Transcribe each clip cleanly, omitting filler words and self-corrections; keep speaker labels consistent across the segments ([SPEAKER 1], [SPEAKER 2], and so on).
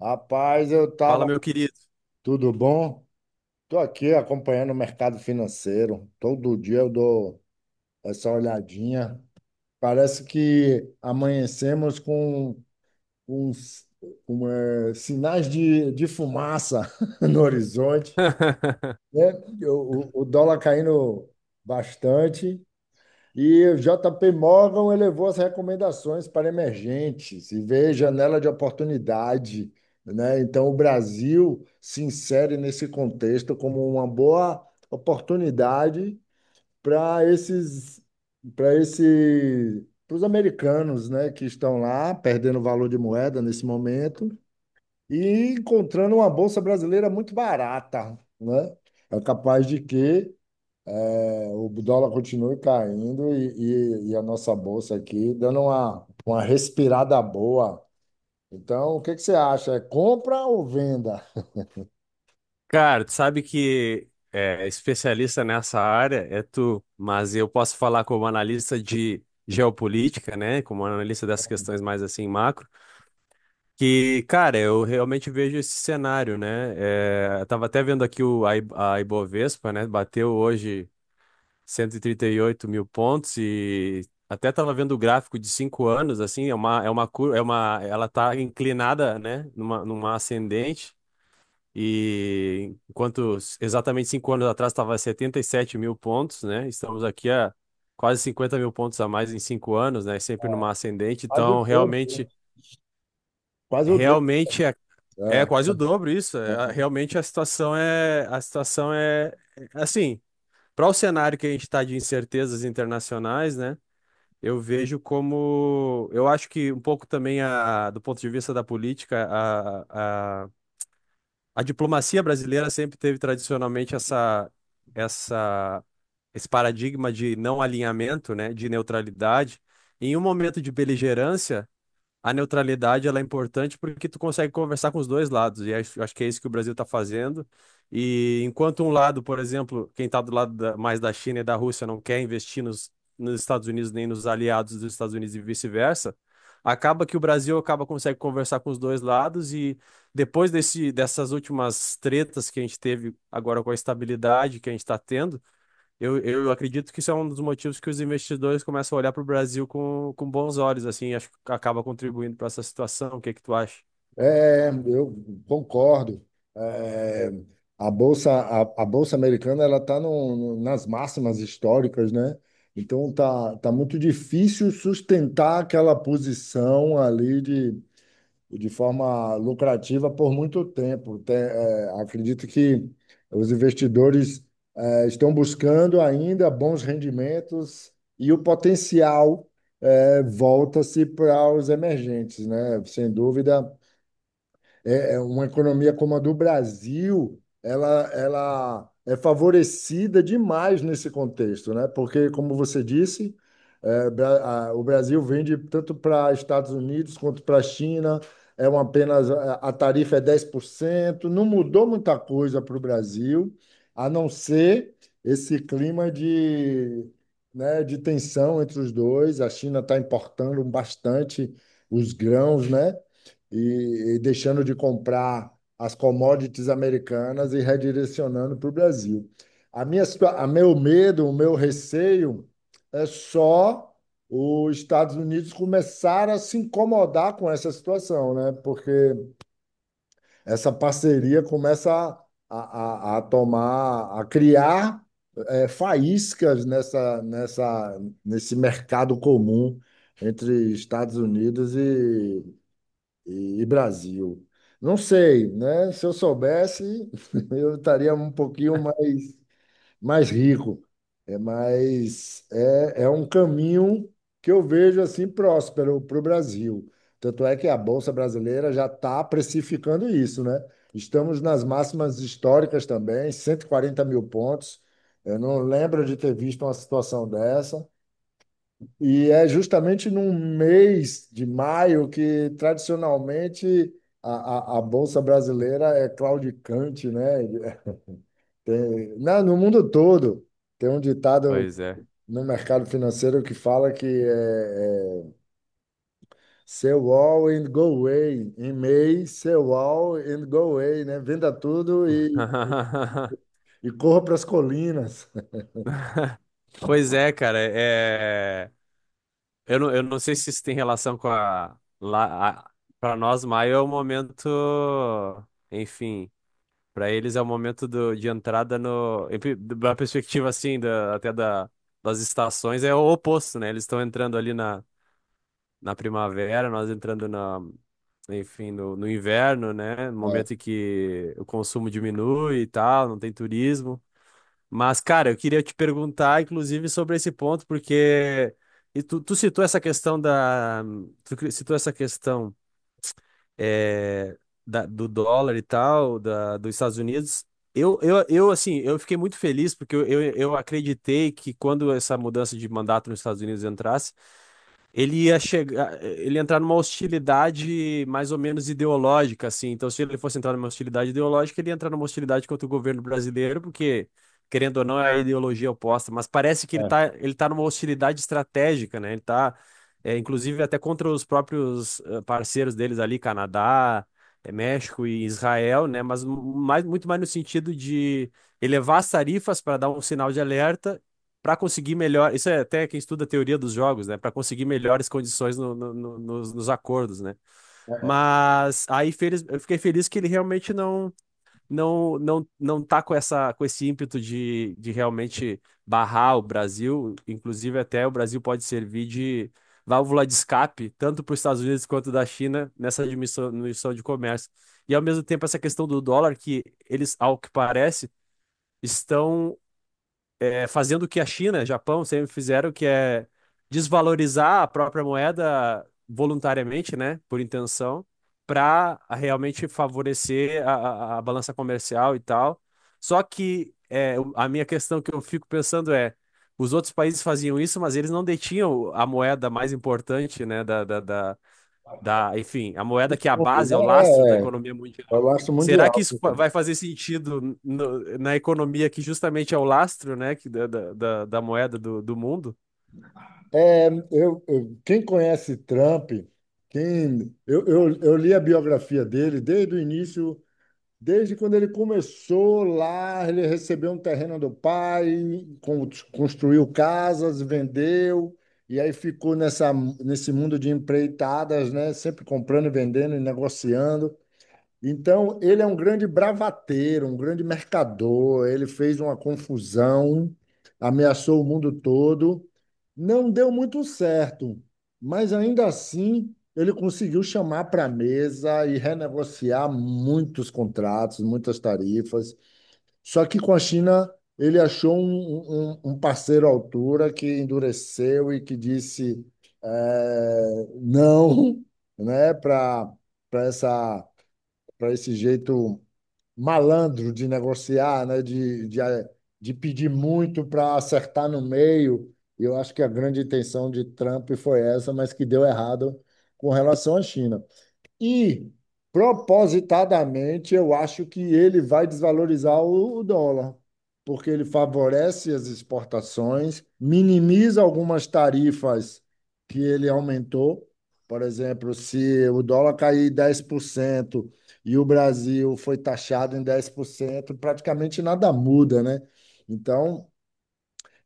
[SPEAKER 1] Rapaz, eu
[SPEAKER 2] Fala,
[SPEAKER 1] tava.
[SPEAKER 2] meu querido.
[SPEAKER 1] Tudo bom? Tô aqui acompanhando o mercado financeiro. Todo dia eu dou essa olhadinha. Parece que amanhecemos com uns com sinais de fumaça no horizonte, né? O dólar caindo bastante. E o JP Morgan elevou as recomendações para emergentes e vê janela de oportunidade, né? Então, o Brasil se insere nesse contexto como uma boa oportunidade para esses, para esse, para os americanos, né, que estão lá perdendo valor de moeda nesse momento e encontrando uma bolsa brasileira muito barata, né? É capaz de que o dólar continua caindo e a nossa bolsa aqui dando uma respirada boa. Então, o que que você acha? É compra ou venda?
[SPEAKER 2] Cara, tu sabe que é, especialista nessa área é tu, mas eu posso falar como analista de geopolítica, né? Como analista dessas questões mais assim macro, que, cara, eu realmente vejo esse cenário, né? É, eu tava até vendo aqui a Ibovespa, né? Bateu hoje cento e trinta e oito mil pontos e até tava vendo o gráfico de 5 anos, assim, é uma curva, ela tá inclinada, né? Numa ascendente. E enquanto exatamente 5 anos atrás estava 77.000 pontos, né? Estamos aqui a quase 50.000 pontos a mais em 5 anos, né? Sempre numa ascendente.
[SPEAKER 1] Faz o
[SPEAKER 2] Então,
[SPEAKER 1] dobro.
[SPEAKER 2] realmente,
[SPEAKER 1] Faz o dobro.
[SPEAKER 2] realmente é
[SPEAKER 1] É,
[SPEAKER 2] quase o dobro isso. É, realmente a situação é assim, para o cenário que a gente está de incertezas internacionais, né? Eu vejo como, eu acho que um pouco também do ponto de vista da política, a A diplomacia brasileira sempre teve tradicionalmente essa, esse paradigma de não alinhamento, né, de neutralidade. Em um momento de beligerância, a neutralidade ela é importante porque tu consegue conversar com os dois lados, e acho que é isso que o Brasil está fazendo. E enquanto um lado, por exemplo, quem está do lado mais da China e da Rússia não quer investir nos Estados Unidos nem nos aliados dos Estados Unidos e vice-versa, acaba que o Brasil acaba consegue conversar com os dois lados e depois dessas últimas tretas que a gente teve agora com a estabilidade que a gente está tendo eu acredito que isso é um dos motivos que os investidores começam a olhar para o Brasil com bons olhos, assim, acho que acaba contribuindo para essa situação. O que que tu acha?
[SPEAKER 1] eu concordo. É, a bolsa americana ela está nas máximas históricas, né? Então tá muito difícil sustentar aquela posição ali de forma lucrativa por muito tempo. Acredito que os investidores estão buscando ainda bons rendimentos e o potencial volta-se para os emergentes, né? Sem dúvida, é uma economia como a do Brasil, ela é favorecida demais nesse contexto, né? Porque, como você disse, o Brasil vende tanto para Estados Unidos quanto para a China, é uma apenas a tarifa é 10%, não mudou muita coisa para o Brasil, a não ser esse clima né, de tensão entre os dois. A China está importando bastante os grãos, né? E deixando de comprar as commodities americanas e redirecionando para o Brasil. A minha, situa- a meu medo, O meu receio é só os Estados Unidos começar a se incomodar com essa situação, né? Porque essa parceria começa a criar faíscas nesse mercado comum entre Estados Unidos e Brasil. Não sei, né? Se eu soubesse, eu estaria um pouquinho mais rico. É, mas é um caminho que eu vejo assim próspero para o Brasil. Tanto é que a Bolsa Brasileira já está precificando isso, né? Estamos nas máximas históricas também, 140 mil pontos. Eu não lembro de ter visto uma situação dessa. E é justamente num mês de maio que, tradicionalmente, a Bolsa Brasileira é claudicante, né? É, no mundo todo, tem um ditado
[SPEAKER 2] Pois é.
[SPEAKER 1] no mercado financeiro que fala que é sell all and go away. Em May, sell all and go away, né? Venda tudo e corra para as colinas.
[SPEAKER 2] Pois é, cara, é. Eu não sei se isso tem relação com a. Lá, a. Para nós, maio é o momento. Enfim, para eles é o momento do, de entrada no, da perspectiva, assim, até da, das estações, é o oposto, né? Eles estão entrando ali na primavera, nós entrando na, enfim, no inverno, né? No
[SPEAKER 1] É,
[SPEAKER 2] momento em que o consumo diminui e tal, não tem turismo. Mas, cara, eu queria te perguntar, inclusive, sobre esse ponto, porque tu citou essa questão da. Tu citou essa questão é, do dólar e tal, dos Estados Unidos. Assim, eu fiquei muito feliz porque eu acreditei que quando essa mudança de mandato nos Estados Unidos entrasse, ele ia entrar numa hostilidade mais ou menos ideológica, assim. Então, se ele fosse entrar numa hostilidade ideológica, ele ia entrar numa hostilidade contra o governo brasileiro, porque, querendo ou não, é a ideologia oposta. Mas parece que ele
[SPEAKER 1] é.
[SPEAKER 2] tá, ele tá numa hostilidade estratégica, né? Ele tá, inclusive, até contra os próprios parceiros deles ali, Canadá, México e Israel, né? Mas mais, muito mais no sentido de elevar as tarifas para dar um sinal de alerta para conseguir melhor. Isso é até quem estuda a teoria dos jogos, né? Para conseguir melhores condições nos acordos, né? Mas aí feliz, eu fiquei feliz que ele realmente não tá com essa com esse ímpeto de realmente barrar o Brasil. Inclusive até o Brasil pode servir de válvula de escape tanto para os Estados Unidos quanto da China nessa diminuição de comércio. E ao mesmo tempo essa questão do dólar que eles, ao que parece, estão fazendo o que a China, Japão sempre fizeram, que é desvalorizar a própria moeda voluntariamente, né, por intenção, para realmente favorecer a balança comercial e tal. Só que é, a minha questão que eu fico pensando é, os outros países faziam isso, mas eles não detinham a moeda mais importante, né, da, enfim, a moeda que é a base, é o lastro da economia mundial.
[SPEAKER 1] Eu acho
[SPEAKER 2] Será que
[SPEAKER 1] mundial.
[SPEAKER 2] isso vai fazer sentido na economia que justamente é o lastro, né, que da moeda do mundo?
[SPEAKER 1] Quem conhece Trump, eu li a biografia dele desde o início, desde quando ele começou lá, ele recebeu um terreno do pai, construiu casas, vendeu, e aí ficou nessa, nesse mundo de empreitadas, né? Sempre comprando e vendendo e negociando. Então, ele é um grande bravateiro, um grande mercador. Ele fez uma confusão, ameaçou o mundo todo. Não deu muito certo, mas ainda assim ele conseguiu chamar para a mesa e renegociar muitos contratos, muitas tarifas. Só que com a China ele achou um parceiro à altura que endureceu e que disse não, né, para essa para esse jeito malandro de negociar, né? De pedir muito para acertar no meio. E eu acho que a grande intenção de Trump foi essa, mas que deu errado com relação à China. E propositadamente eu acho que ele vai desvalorizar o dólar, porque ele favorece as exportações, minimiza algumas tarifas que ele aumentou. Por exemplo, se o dólar cair 10% e o Brasil foi taxado em 10%, praticamente nada muda, né? Então,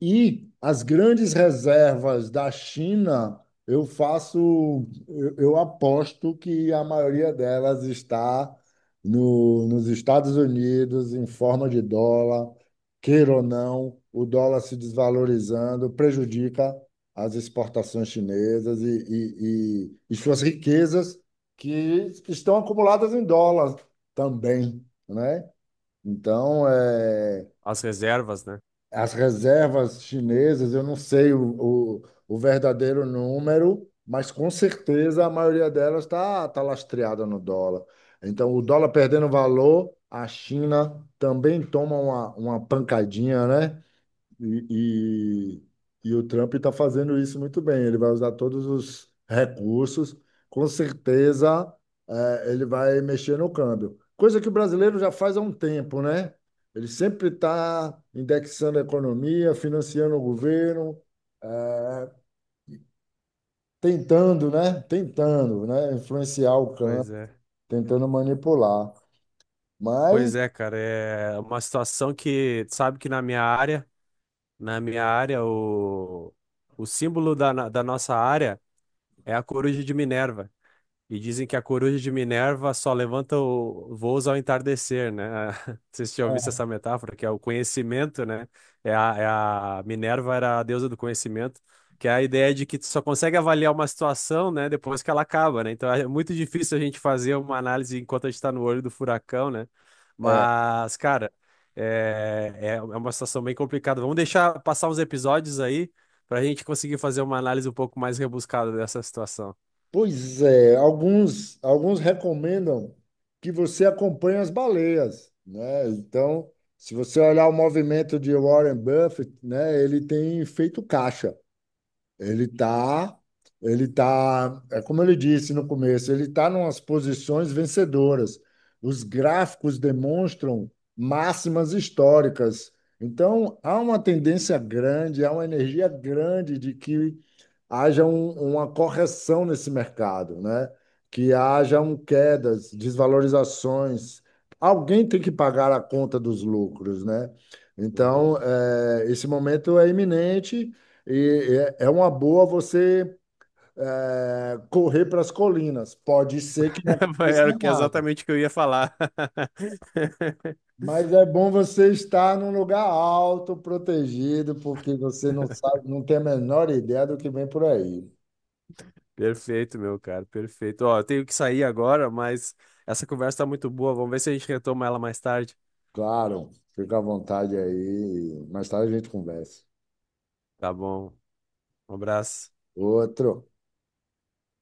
[SPEAKER 1] e as grandes reservas da China, eu aposto que a maioria delas está no, nos Estados Unidos, em forma de dólar, queira ou não, o dólar se desvalorizando prejudica as exportações chinesas e suas riquezas que estão acumuladas em dólar também, né? Então, é.
[SPEAKER 2] As reservas, né?
[SPEAKER 1] As reservas chinesas, eu não sei o verdadeiro número, mas com certeza a maioria delas está tá tá lastreada no dólar. Então, o dólar perdendo valor, a China também toma uma pancadinha, né? E, e o Trump está fazendo isso muito bem. Ele vai usar todos os recursos, com certeza, ele vai mexer no câmbio. Coisa que o brasileiro já faz há um tempo, né? Ele sempre está indexando a economia, financiando o governo, eh, tentando, né? Tentando, né? Influenciar o
[SPEAKER 2] Pois
[SPEAKER 1] câmbio,
[SPEAKER 2] é.
[SPEAKER 1] tentando manipular. Mas
[SPEAKER 2] Pois é, cara, é uma situação que, sabe que na minha área, o símbolo da nossa área é a coruja de Minerva. E dizem que a coruja de Minerva só levanta o voos ao entardecer, né? Vocês já ouviram essa metáfora, que é o conhecimento, né? Minerva era a deusa do conhecimento, que é a ideia de que tu só consegue avaliar uma situação, né, depois que ela acaba, né? Então é muito difícil a gente fazer uma análise enquanto a gente está no olho do furacão, né?
[SPEAKER 1] é,
[SPEAKER 2] Mas, cara, é uma situação bem complicada. Vamos deixar passar uns episódios aí para a gente conseguir fazer uma análise um pouco mais rebuscada dessa situação.
[SPEAKER 1] pois é, alguns, alguns recomendam que você acompanhe as baleias, né? Então, se você olhar o movimento de Warren Buffett, né, ele tem feito caixa. Ele tá, ele tá, é como ele disse no começo, ele tá numas posições vencedoras. Os gráficos demonstram máximas históricas. Então, há uma tendência grande, há uma energia grande de que haja uma correção nesse mercado, né? Que hajam quedas, desvalorizações. Alguém tem que pagar a conta dos lucros, né? Então, esse momento é iminente e é é uma boa você correr para as colinas. Pode ser que não aconteça
[SPEAKER 2] Era o que-
[SPEAKER 1] nada,
[SPEAKER 2] exatamente o que eu ia falar.
[SPEAKER 1] mas é bom você estar num lugar alto, protegido, porque você não sabe, não tem a menor ideia do que vem por aí.
[SPEAKER 2] Perfeito, meu cara, perfeito. Ó, eu tenho que sair agora, mas essa conversa tá muito boa. Vamos ver se a gente retoma ela mais tarde.
[SPEAKER 1] Claro, fica à vontade aí. Mais tarde a gente conversa.
[SPEAKER 2] Tá bom. Um abraço.
[SPEAKER 1] Outro.